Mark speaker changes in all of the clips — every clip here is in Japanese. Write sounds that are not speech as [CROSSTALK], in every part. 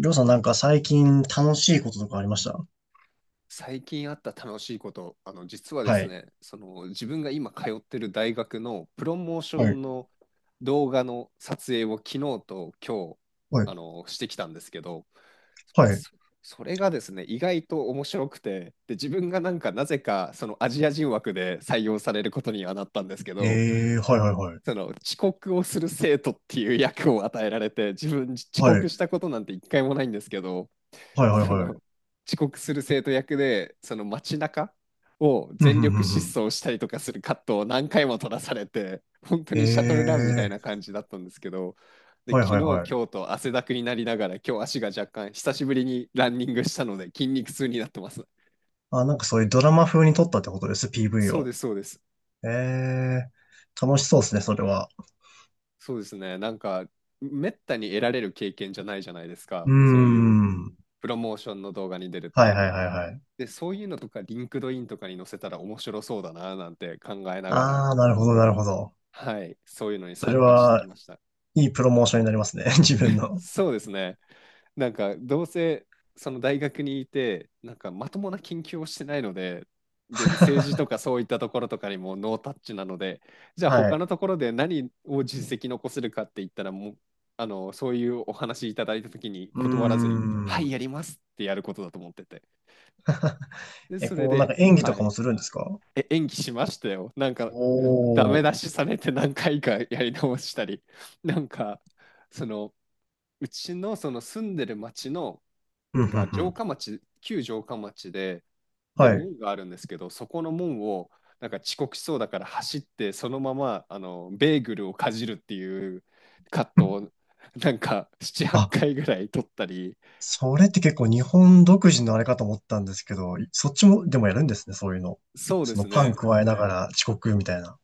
Speaker 1: りょうさんなんか最近楽しいこととかありました？
Speaker 2: 最近あった楽しいこと、実はで
Speaker 1: は
Speaker 2: す
Speaker 1: い。
Speaker 2: ね、その自分が今通ってる大学のプロモーショ
Speaker 1: はい。
Speaker 2: ンの動画の撮影を昨日と今日、
Speaker 1: はい。
Speaker 2: してきたんですけど、
Speaker 1: は
Speaker 2: まあ、
Speaker 1: い。
Speaker 2: そそれがですね、意外と面白くて、で、自分がなんかなぜかそのアジア人枠で採用されることにはなったんですけど、
Speaker 1: はいはいはい。
Speaker 2: その遅刻をする生徒っていう役を与えられて、自分遅
Speaker 1: は
Speaker 2: 刻
Speaker 1: い。
Speaker 2: したことなんて一回もないんですけど、
Speaker 1: はいはい
Speaker 2: そ
Speaker 1: はい。
Speaker 2: の遅刻する生徒役でその街中を
Speaker 1: うん、
Speaker 2: 全
Speaker 1: ふんふ
Speaker 2: 力
Speaker 1: ん
Speaker 2: 疾
Speaker 1: ふん。
Speaker 2: 走したりとかするカットを何回も撮らされて本当
Speaker 1: え
Speaker 2: にシャトルランみたいな
Speaker 1: ー、
Speaker 2: 感じだったんですけど、で
Speaker 1: はい
Speaker 2: 昨日
Speaker 1: はい
Speaker 2: 今
Speaker 1: はい。
Speaker 2: 日と汗だくになりながら、今日足が若干久しぶりにランニングしたので筋肉痛になってます。
Speaker 1: あ、なんかそういうドラマ風に撮ったってことです、PV
Speaker 2: そう
Speaker 1: を。
Speaker 2: ですそうです。
Speaker 1: えー、楽しそうですね、それは。
Speaker 2: そうですね、めったに得られる経験じゃないじゃないです
Speaker 1: う
Speaker 2: か、
Speaker 1: ー
Speaker 2: そういう
Speaker 1: ん。
Speaker 2: プロモーションの動画に出るっ
Speaker 1: はい
Speaker 2: て。
Speaker 1: はいはいはい。
Speaker 2: でそういうのとかリンクドインとかに載せたら面白そうだななんて考えながら、
Speaker 1: あー、なるほどなるほど。
Speaker 2: はい、そういうのに
Speaker 1: そ
Speaker 2: 参
Speaker 1: れ
Speaker 2: 加してき
Speaker 1: は、
Speaker 2: ました。
Speaker 1: いいプロモーションになりますね、[LAUGHS] 自分の。
Speaker 2: そうですね。どうせ、その大学にいて、まともな研究をしてないので、で、政治とかそういったところとかにもノータッチなので、じゃあ、
Speaker 1: は
Speaker 2: 他
Speaker 1: い。
Speaker 2: のところで何を実績残せるかって言ったら、もう、そういうお話いただいたときに
Speaker 1: う
Speaker 2: 断らず
Speaker 1: ー
Speaker 2: に、はい、
Speaker 1: ん。
Speaker 2: やりますってやることだと思ってて。で、
Speaker 1: え、
Speaker 2: それ
Speaker 1: こう、なんか
Speaker 2: で、
Speaker 1: 演技
Speaker 2: は
Speaker 1: とかも
Speaker 2: い、
Speaker 1: するんですか？
Speaker 2: え、演技しましたよ。ダ
Speaker 1: お
Speaker 2: メ
Speaker 1: ー。
Speaker 2: 出しされて何回かやり直したり、なんか、その、うちのその住んでる町の
Speaker 1: うん、うん、
Speaker 2: が
Speaker 1: う
Speaker 2: 城
Speaker 1: ん。
Speaker 2: 下町、旧城下町で、で、
Speaker 1: はい。
Speaker 2: 門があるんですけど、そこの門をなんか遅刻しそうだから走って、そのままあのベーグルをかじるっていうカッ
Speaker 1: う
Speaker 2: ト
Speaker 1: ん、
Speaker 2: をなんか7、8
Speaker 1: あ、
Speaker 2: 回ぐらい撮ったり、
Speaker 1: それって結構日本独自のあれかと思ったんですけど、いそっちもでもやるんですね、そういうの。
Speaker 2: そうで
Speaker 1: その
Speaker 2: す
Speaker 1: パン
Speaker 2: ね、
Speaker 1: 加えながら遅刻みたいな。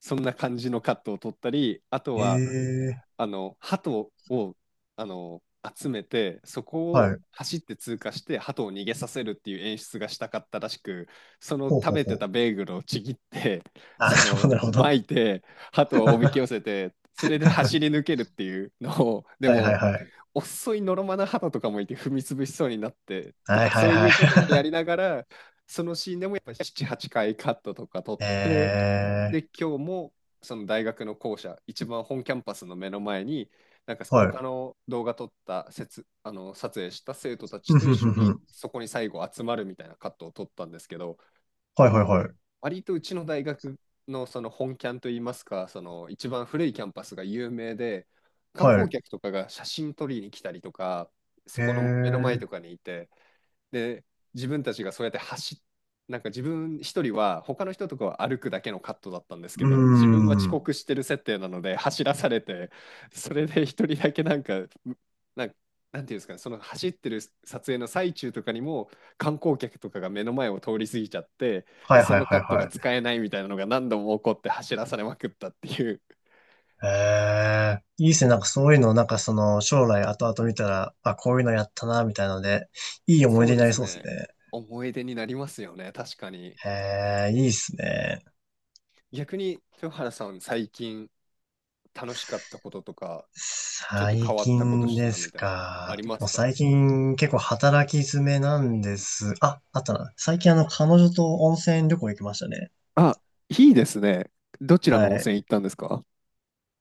Speaker 2: そんな感じのカットを撮ったり、あとは
Speaker 1: ええ、
Speaker 2: あの鳩をあの集めてそこ
Speaker 1: は
Speaker 2: を
Speaker 1: い。
Speaker 2: 走って通過して鳩を逃げさせるっていう演出がしたかったらしく、その
Speaker 1: ほう
Speaker 2: 食
Speaker 1: ほう
Speaker 2: べ
Speaker 1: ほ
Speaker 2: て
Speaker 1: う。
Speaker 2: たベーグルをちぎって、
Speaker 1: あ、な
Speaker 2: そ
Speaker 1: る
Speaker 2: の
Speaker 1: ほど、なるほど。
Speaker 2: 巻いて鳩をおびき寄
Speaker 1: [LAUGHS]
Speaker 2: せてそれで走り抜けるっていうのを、で
Speaker 1: はいはい
Speaker 2: も
Speaker 1: はい。
Speaker 2: 遅いのろまな肌とかもいて踏み潰しそうになってと
Speaker 1: はい
Speaker 2: か
Speaker 1: は
Speaker 2: そ
Speaker 1: い
Speaker 2: うい
Speaker 1: は
Speaker 2: うこともやり
Speaker 1: い。
Speaker 2: ながら、そのシーンでもやっぱ7、8回カットとか撮って、
Speaker 1: [LAUGHS]
Speaker 2: で
Speaker 1: ええ、
Speaker 2: 今日もその大学の校舎一番本キャンパスの目の前に、なんか
Speaker 1: はい。
Speaker 2: 他の動画撮ったせつ、あの撮影した生徒た
Speaker 1: ふ
Speaker 2: ち
Speaker 1: ん
Speaker 2: と
Speaker 1: ふ
Speaker 2: 一
Speaker 1: んふ
Speaker 2: 緒
Speaker 1: んふ
Speaker 2: に
Speaker 1: ん、
Speaker 2: そこに最後集まるみたいなカットを撮ったんですけど、
Speaker 1: はいは
Speaker 2: ま
Speaker 1: いはい。
Speaker 2: 割とうちの大学のその本キャンといいますか、その一番古いキャンパスが有名で、観
Speaker 1: は
Speaker 2: 光
Speaker 1: い。
Speaker 2: 客とかが写真撮りに来たりとか、そ
Speaker 1: ええ、
Speaker 2: この目の前と
Speaker 1: う
Speaker 2: かにいて、で、自分たちがそうやってなんか自分一人は、他の人とかは歩くだけのカットだったんですけ
Speaker 1: ー
Speaker 2: ど、自分は遅
Speaker 1: ん。
Speaker 2: 刻してる設定なので走らされて、それで一人だけなんかなんていうんですかね、その走ってる撮影の最中とかにも観光客とかが目の前を通り過ぎちゃって、
Speaker 1: は
Speaker 2: で
Speaker 1: い
Speaker 2: そ
Speaker 1: はい
Speaker 2: の
Speaker 1: は
Speaker 2: カ
Speaker 1: い
Speaker 2: ット
Speaker 1: は
Speaker 2: が
Speaker 1: い。
Speaker 2: 使えないみたいなのが何度も起こって走らされまくったっていう。
Speaker 1: ええ、いいですね。なんかそういうの、なんかその、将来後々見たら、あ、こういうのやったな、みたいなので、いい思い
Speaker 2: そ
Speaker 1: 出
Speaker 2: う
Speaker 1: に
Speaker 2: で
Speaker 1: なり
Speaker 2: す
Speaker 1: そうです
Speaker 2: ね、
Speaker 1: ね。
Speaker 2: 思い出になりますよね確かに。
Speaker 1: ええ、いいですね。
Speaker 2: 逆に豊原さん最近楽しかったこととか、ちょっと変
Speaker 1: 最
Speaker 2: わったこと
Speaker 1: 近
Speaker 2: した
Speaker 1: で
Speaker 2: な
Speaker 1: す
Speaker 2: みたいな、あ
Speaker 1: か。
Speaker 2: りま
Speaker 1: も
Speaker 2: す
Speaker 1: う
Speaker 2: か？
Speaker 1: 最近結構働き詰めなんです。あ、あったな。最近あの、彼女と温泉旅行行きましたね。
Speaker 2: あ、いいですね。どちら
Speaker 1: は
Speaker 2: の温
Speaker 1: い。
Speaker 2: 泉行ったんですか？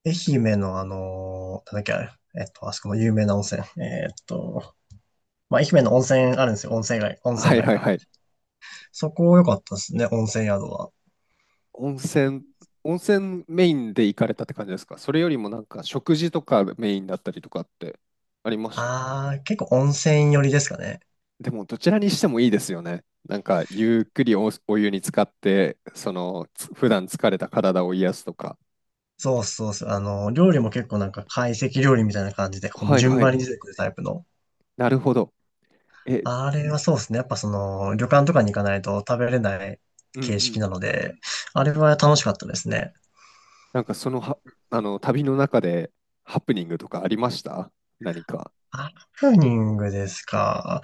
Speaker 1: 愛媛のあのなんだっけあれ、あそこの有名な温泉。まあ、愛媛の温泉あるんですよ。温泉街、温泉
Speaker 2: はい
Speaker 1: 街
Speaker 2: はい
Speaker 1: が。
Speaker 2: はい。
Speaker 1: そこ良かったですね、温泉宿は。
Speaker 2: 温泉、温泉メインで行かれたって感じですか？それよりもなんか食事とかメインだったりとかってありました？
Speaker 1: ああ、結構温泉寄りですかね。
Speaker 2: でもどちらにしてもいいですよね。なんかゆっくりお、お湯に浸かって、その普段疲れた体を癒すとか。
Speaker 1: そうそうそう。あの、料理も結構なんか懐石料理みたいな感じで、この
Speaker 2: はい
Speaker 1: 順
Speaker 2: は
Speaker 1: 番
Speaker 2: い。
Speaker 1: に出てくるタイプの。
Speaker 2: なるほど。え、
Speaker 1: あれはそうですね。やっぱその、旅館とかに行かないと食べれない
Speaker 2: うん
Speaker 1: 形
Speaker 2: う
Speaker 1: 式
Speaker 2: ん。
Speaker 1: なので、あれは楽しかったですね。
Speaker 2: なんかそのは、あの旅の中でハプニングとかありました、何か？
Speaker 1: ハプニングですか。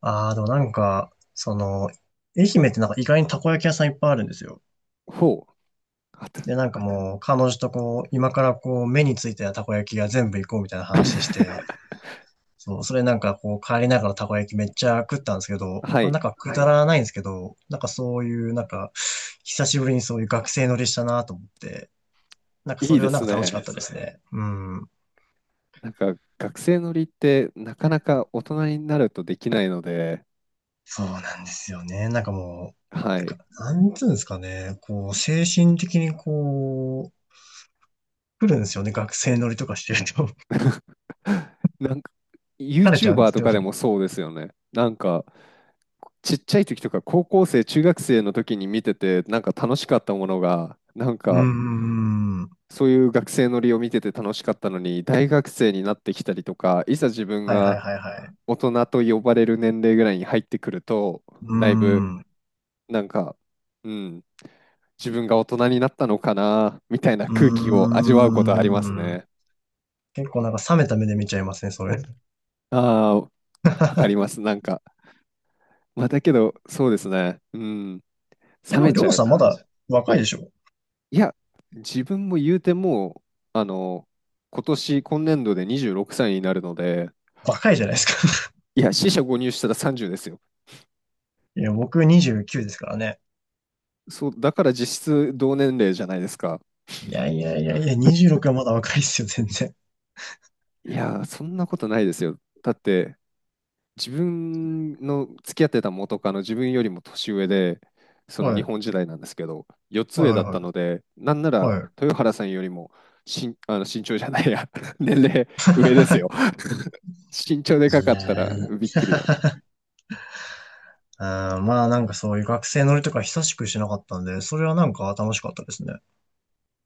Speaker 1: ああ、でもなんか、その、愛媛ってなんか意外にたこ焼き屋さんいっぱいあるんですよ。
Speaker 2: ほう。あた
Speaker 1: で、なんかもう、彼女とこう、今からこう、目についたたこ焼きが全部行こうみたいな話
Speaker 2: [LAUGHS]
Speaker 1: して、そう、それなんかこう帰りながらたこ焼きめっちゃ食ったんですけど、
Speaker 2: は
Speaker 1: まあ
Speaker 2: い。
Speaker 1: なんかくはだいらないんですけど、なんかそういうなんか、久しぶりにそういう学生乗りしたなと思って、なんか
Speaker 2: い
Speaker 1: そ
Speaker 2: い
Speaker 1: れ
Speaker 2: で
Speaker 1: はなん
Speaker 2: す
Speaker 1: か楽しいいかっ
Speaker 2: ね。
Speaker 1: でたですすね。ねうん。
Speaker 2: なんか学生乗りってなかなか大人になるとできないので、
Speaker 1: そうなんですよね。なんかも
Speaker 2: は
Speaker 1: う、
Speaker 2: い。
Speaker 1: かなんつうんですかね、こう、精神的にこう、来るんですよね。学生乗りとかしてると。[LAUGHS]
Speaker 2: なんか
Speaker 1: 疲れちゃうんで
Speaker 2: YouTuber
Speaker 1: す
Speaker 2: と
Speaker 1: よ
Speaker 2: かで
Speaker 1: ね。
Speaker 2: もそうですよね。なんかちっちゃい時とか高校生、中学生の時に見ててなんか楽しかったものが、なん
Speaker 1: うー
Speaker 2: か
Speaker 1: ん。は
Speaker 2: そういう学生乗りを見てて楽しかったのに、大学生になってきたりとか、いざ自分
Speaker 1: いはい
Speaker 2: が
Speaker 1: はいはい。
Speaker 2: 大人と呼ばれる年齢ぐらいに入ってくると、
Speaker 1: うー
Speaker 2: だいぶ
Speaker 1: ん。う
Speaker 2: なんか、うん、自分が大人になったのかな、みたいな空気を味わうことはあります
Speaker 1: ーん。
Speaker 2: ね。
Speaker 1: 結構なんか冷めた目で見ちゃいますね、それ。
Speaker 2: ああ、わかり
Speaker 1: [LAUGHS]
Speaker 2: ます。だけど、そうですね。うん、
Speaker 1: え、
Speaker 2: 冷
Speaker 1: でも、
Speaker 2: め
Speaker 1: り
Speaker 2: ち
Speaker 1: ょう
Speaker 2: ゃう
Speaker 1: さんま
Speaker 2: な。
Speaker 1: だ若いでしょ？
Speaker 2: いや、自分も言うてもう、あの、今年度で26歳になるので、
Speaker 1: 若いじゃないですか。[LAUGHS]
Speaker 2: いや、四捨五入したら30ですよ。
Speaker 1: いや、僕29ですからね。
Speaker 2: そう、だから実質同年齢じゃないですか。
Speaker 1: いやいやいやいや、26はまだ若いっすよ、全然。
Speaker 2: いやー、そんなことないですよ。だって、自分の付き合ってた元カノ、自分よりも年上で、その
Speaker 1: はい。
Speaker 2: 日
Speaker 1: はい
Speaker 2: 本時代なんですけど、4つ
Speaker 1: は
Speaker 2: 上
Speaker 1: い
Speaker 2: だっ
Speaker 1: は
Speaker 2: たので、なんなら
Speaker 1: い。は
Speaker 2: 豊原さんよりも身、あの身長じゃないや、[LAUGHS] 年齢上ですよ。[LAUGHS] 身長で
Speaker 1: い。
Speaker 2: か
Speaker 1: [LAUGHS] い
Speaker 2: か
Speaker 1: や
Speaker 2: ったら
Speaker 1: ー、
Speaker 2: びっくりだな。
Speaker 1: あーまあなんかそういう学生乗りとか久しくしなかったんで、それはなんか楽しかったですね。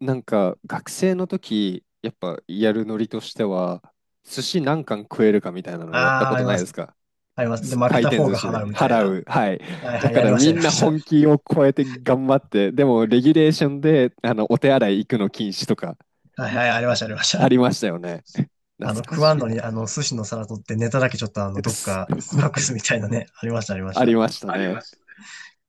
Speaker 2: なんか学生の時、やっぱやるノリとしては、寿司何貫食えるかみたいな
Speaker 1: あ
Speaker 2: のやった
Speaker 1: あ、
Speaker 2: こ
Speaker 1: あ
Speaker 2: と
Speaker 1: り
Speaker 2: ない
Speaker 1: ま
Speaker 2: で
Speaker 1: す。
Speaker 2: すか？
Speaker 1: あります。で、負け
Speaker 2: 回
Speaker 1: た
Speaker 2: 転
Speaker 1: 方
Speaker 2: 寿
Speaker 1: が
Speaker 2: 司で
Speaker 1: 払うみたい
Speaker 2: 払
Speaker 1: な。
Speaker 2: う。はい。
Speaker 1: はい
Speaker 2: だ
Speaker 1: はい、
Speaker 2: か
Speaker 1: やり
Speaker 2: ら
Speaker 1: ました、
Speaker 2: み
Speaker 1: やり
Speaker 2: ん
Speaker 1: ま
Speaker 2: な
Speaker 1: した。
Speaker 2: 本気を超えて頑張って、でもレギュレーションであのお手洗い行くの禁止とかん、
Speaker 1: はいはい、ありました、ありまし
Speaker 2: あ
Speaker 1: た。
Speaker 2: りましたよね。[LAUGHS]
Speaker 1: [LAUGHS] あの、
Speaker 2: 懐か
Speaker 1: 食わん
Speaker 2: しい
Speaker 1: のに、
Speaker 2: な。
Speaker 1: あの、寿司の皿取ってネタだけちょっとあの、どっか
Speaker 2: [LAUGHS]
Speaker 1: 隠すみたいなね。ありました、ありまし
Speaker 2: あり
Speaker 1: た。
Speaker 2: ましたね。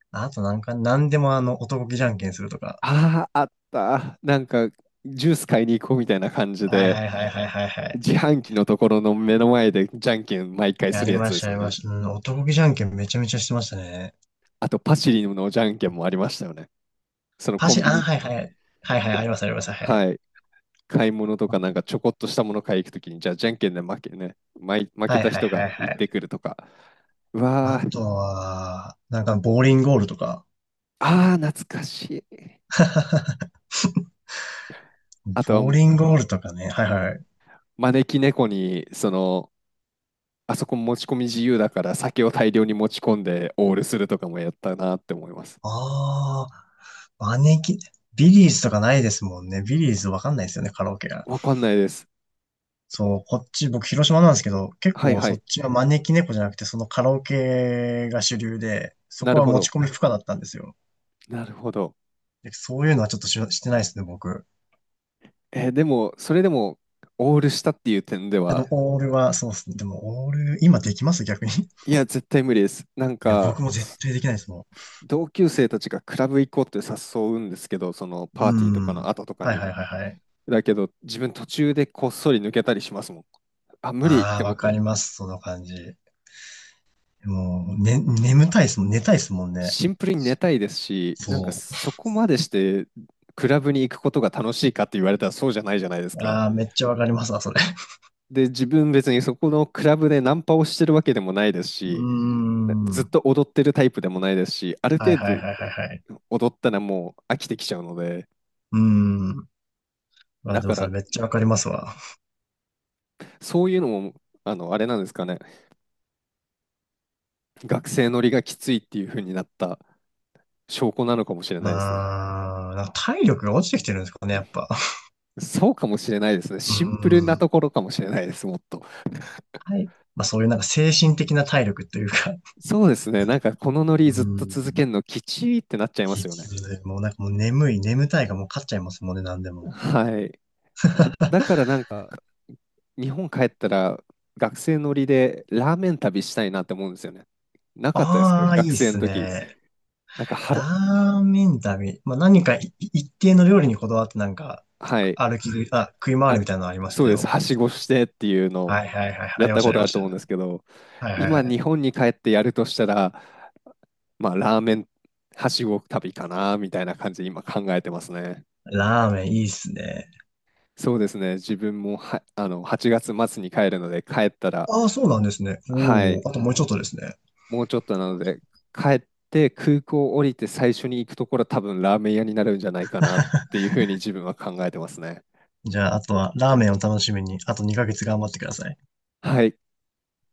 Speaker 1: あとなんか、なんでもあの、男気じゃんけんするとか。
Speaker 2: ああ、あった。なんかジュース買いに行こうみたいな感じ
Speaker 1: はい
Speaker 2: で、
Speaker 1: はいはいはいはいはい。
Speaker 2: 自販機のところの目の前でじゃんけん毎回
Speaker 1: や
Speaker 2: する
Speaker 1: り
Speaker 2: や
Speaker 1: ま
Speaker 2: つで
Speaker 1: した、
Speaker 2: す
Speaker 1: や
Speaker 2: よ
Speaker 1: りま
Speaker 2: ね。
Speaker 1: した。うん、男気じゃんけんめちゃめちゃしてましたね。
Speaker 2: あとパシリのじゃんけんもありましたよね。その
Speaker 1: パ
Speaker 2: コ
Speaker 1: シ、
Speaker 2: ン
Speaker 1: あ、
Speaker 2: ビニ、
Speaker 1: はいはい。はいはい、
Speaker 2: コ
Speaker 1: あり
Speaker 2: ン
Speaker 1: ますあります。は
Speaker 2: は
Speaker 1: い。
Speaker 2: い。買い物とかなんかちょこっとしたもの買い行くときに、じゃあじゃんけんで負
Speaker 1: は
Speaker 2: け
Speaker 1: い
Speaker 2: た
Speaker 1: はい
Speaker 2: 人
Speaker 1: はい
Speaker 2: が
Speaker 1: は
Speaker 2: 行っ
Speaker 1: い。
Speaker 2: てくるとか、う
Speaker 1: あ
Speaker 2: わー、
Speaker 1: とは、なんか、ボーリングゴールとか。
Speaker 2: あー、懐かしい。あと
Speaker 1: ボー
Speaker 2: は
Speaker 1: リングゴールとかね。はいはい。
Speaker 2: 招き猫に、その、あそこ持ち込み自由だから酒を大量に持ち込んでオールするとかもやったなって思います。
Speaker 1: ああ、招き、ビリーズとかないですもんね。ビリーズわかんないですよね、カラオケが。
Speaker 2: わかんないです。
Speaker 1: そう、こっち、僕、広島なんですけど、結
Speaker 2: はい
Speaker 1: 構
Speaker 2: は
Speaker 1: そっ
Speaker 2: い。
Speaker 1: ちは招き猫じゃなくて、そのカラオケが主流で、そ
Speaker 2: な
Speaker 1: こ
Speaker 2: る
Speaker 1: は
Speaker 2: ほ
Speaker 1: 持ち
Speaker 2: ど。
Speaker 1: 込み不可だったんですよ。
Speaker 2: なるほど。
Speaker 1: で、そういうのはちょっとし、してないですね、僕。
Speaker 2: えーでも、それでもオールしたっていう点で
Speaker 1: あの、
Speaker 2: は、
Speaker 1: オールは、そうですね。でも、オール、今できます逆に。[LAUGHS]
Speaker 2: いや、絶対無理です。
Speaker 1: いや、僕も絶対できないですも
Speaker 2: 同級生たちがクラブ行こうって誘うんですけど、そのパーティーとか
Speaker 1: ん。う
Speaker 2: の
Speaker 1: ん。
Speaker 2: 後とか
Speaker 1: はい
Speaker 2: に。
Speaker 1: はいはいはい。
Speaker 2: だけど、自分途中でこっそり抜けたりしますもん。あ、無理っ
Speaker 1: あ
Speaker 2: て
Speaker 1: あ、
Speaker 2: 思
Speaker 1: わ
Speaker 2: っ
Speaker 1: かり
Speaker 2: て。
Speaker 1: ます、その感じ。もう、ね、眠たいですもん、寝たいですもんね。
Speaker 2: シンプルにね寝たいですし、なんか
Speaker 1: そ
Speaker 2: そこまでしてクラブに行くことが楽しいかって言われたらそうじゃないじゃないです
Speaker 1: う。
Speaker 2: か。
Speaker 1: ああ、めっちゃわかりますわ、それ。[LAUGHS]
Speaker 2: で、自分別にそこのクラブでナンパをしてるわけでもないです
Speaker 1: うー
Speaker 2: し、ずっ
Speaker 1: ん。
Speaker 2: と踊ってるタイプでもないですし、ある
Speaker 1: はい
Speaker 2: 程
Speaker 1: はい
Speaker 2: 度
Speaker 1: はいはいはい。
Speaker 2: 踊ったらもう飽きてきちゃうので、
Speaker 1: うーん。あ、
Speaker 2: だ
Speaker 1: でも
Speaker 2: か
Speaker 1: そ
Speaker 2: ら
Speaker 1: れめっちゃわかりますわ。
Speaker 2: そういうのも、あれなんですかね。学生乗りがきついっていう風になった証拠なのかもしれないですね。
Speaker 1: あー、なんか体力が落ちてきてるんですかね、やっぱ。
Speaker 2: そうかもしれないですね。
Speaker 1: う
Speaker 2: シンプルなと
Speaker 1: ん。
Speaker 2: ころかもしれないです、もっと。
Speaker 1: はい。まあそういうなんか精神的な体力というか。
Speaker 2: そうですね。なんかこのノ
Speaker 1: う
Speaker 2: リずっと続け
Speaker 1: ん。
Speaker 2: るのきちいってなっちゃいま
Speaker 1: き
Speaker 2: すよ
Speaker 1: つ
Speaker 2: ね。
Speaker 1: い。もうなんかもう眠い、眠たいがもう勝っちゃいますもんね、なんでも。
Speaker 2: はい。まだから日本帰ったら学生乗りでラーメン旅したいなって思うんですよね。なかったですか
Speaker 1: ああ、い
Speaker 2: 学
Speaker 1: いっ
Speaker 2: 生の
Speaker 1: す
Speaker 2: 時。
Speaker 1: ね。
Speaker 2: なんかは
Speaker 1: ラ
Speaker 2: ら、
Speaker 1: ーメン旅。まあ何かい一定の料理にこだわってなんか
Speaker 2: はい。
Speaker 1: 歩き食い、あ、食い回るみたいなのありました
Speaker 2: そう
Speaker 1: ね、で
Speaker 2: です。
Speaker 1: も。
Speaker 2: はしごしてっていうの
Speaker 1: はいはいはい。あ
Speaker 2: やっ
Speaker 1: りま
Speaker 2: た
Speaker 1: した、
Speaker 2: こ
Speaker 1: あり
Speaker 2: と
Speaker 1: ま
Speaker 2: ある
Speaker 1: し
Speaker 2: と思うんですけど、
Speaker 1: た。はいはい
Speaker 2: 今
Speaker 1: はい。
Speaker 2: 日本に帰ってやるとしたら、まあ、ラーメンはしご旅かな、みたいな感じで今考えてますね。
Speaker 1: ラーメンいいっすね。
Speaker 2: そうですね。自分もは、あの、8月末に帰るので、帰ったら、
Speaker 1: ああ、そうなんですね。
Speaker 2: は
Speaker 1: おお、
Speaker 2: い、
Speaker 1: あともうちょっとですね。
Speaker 2: もうちょっとなので、帰って空港降りて最初に行くところは多分ラーメン屋になるんじゃないかなっていうふうに自分は考えてますね。
Speaker 1: じゃあ、あとはラーメンを楽しみに、あと2ヶ月頑張ってください。
Speaker 2: はい。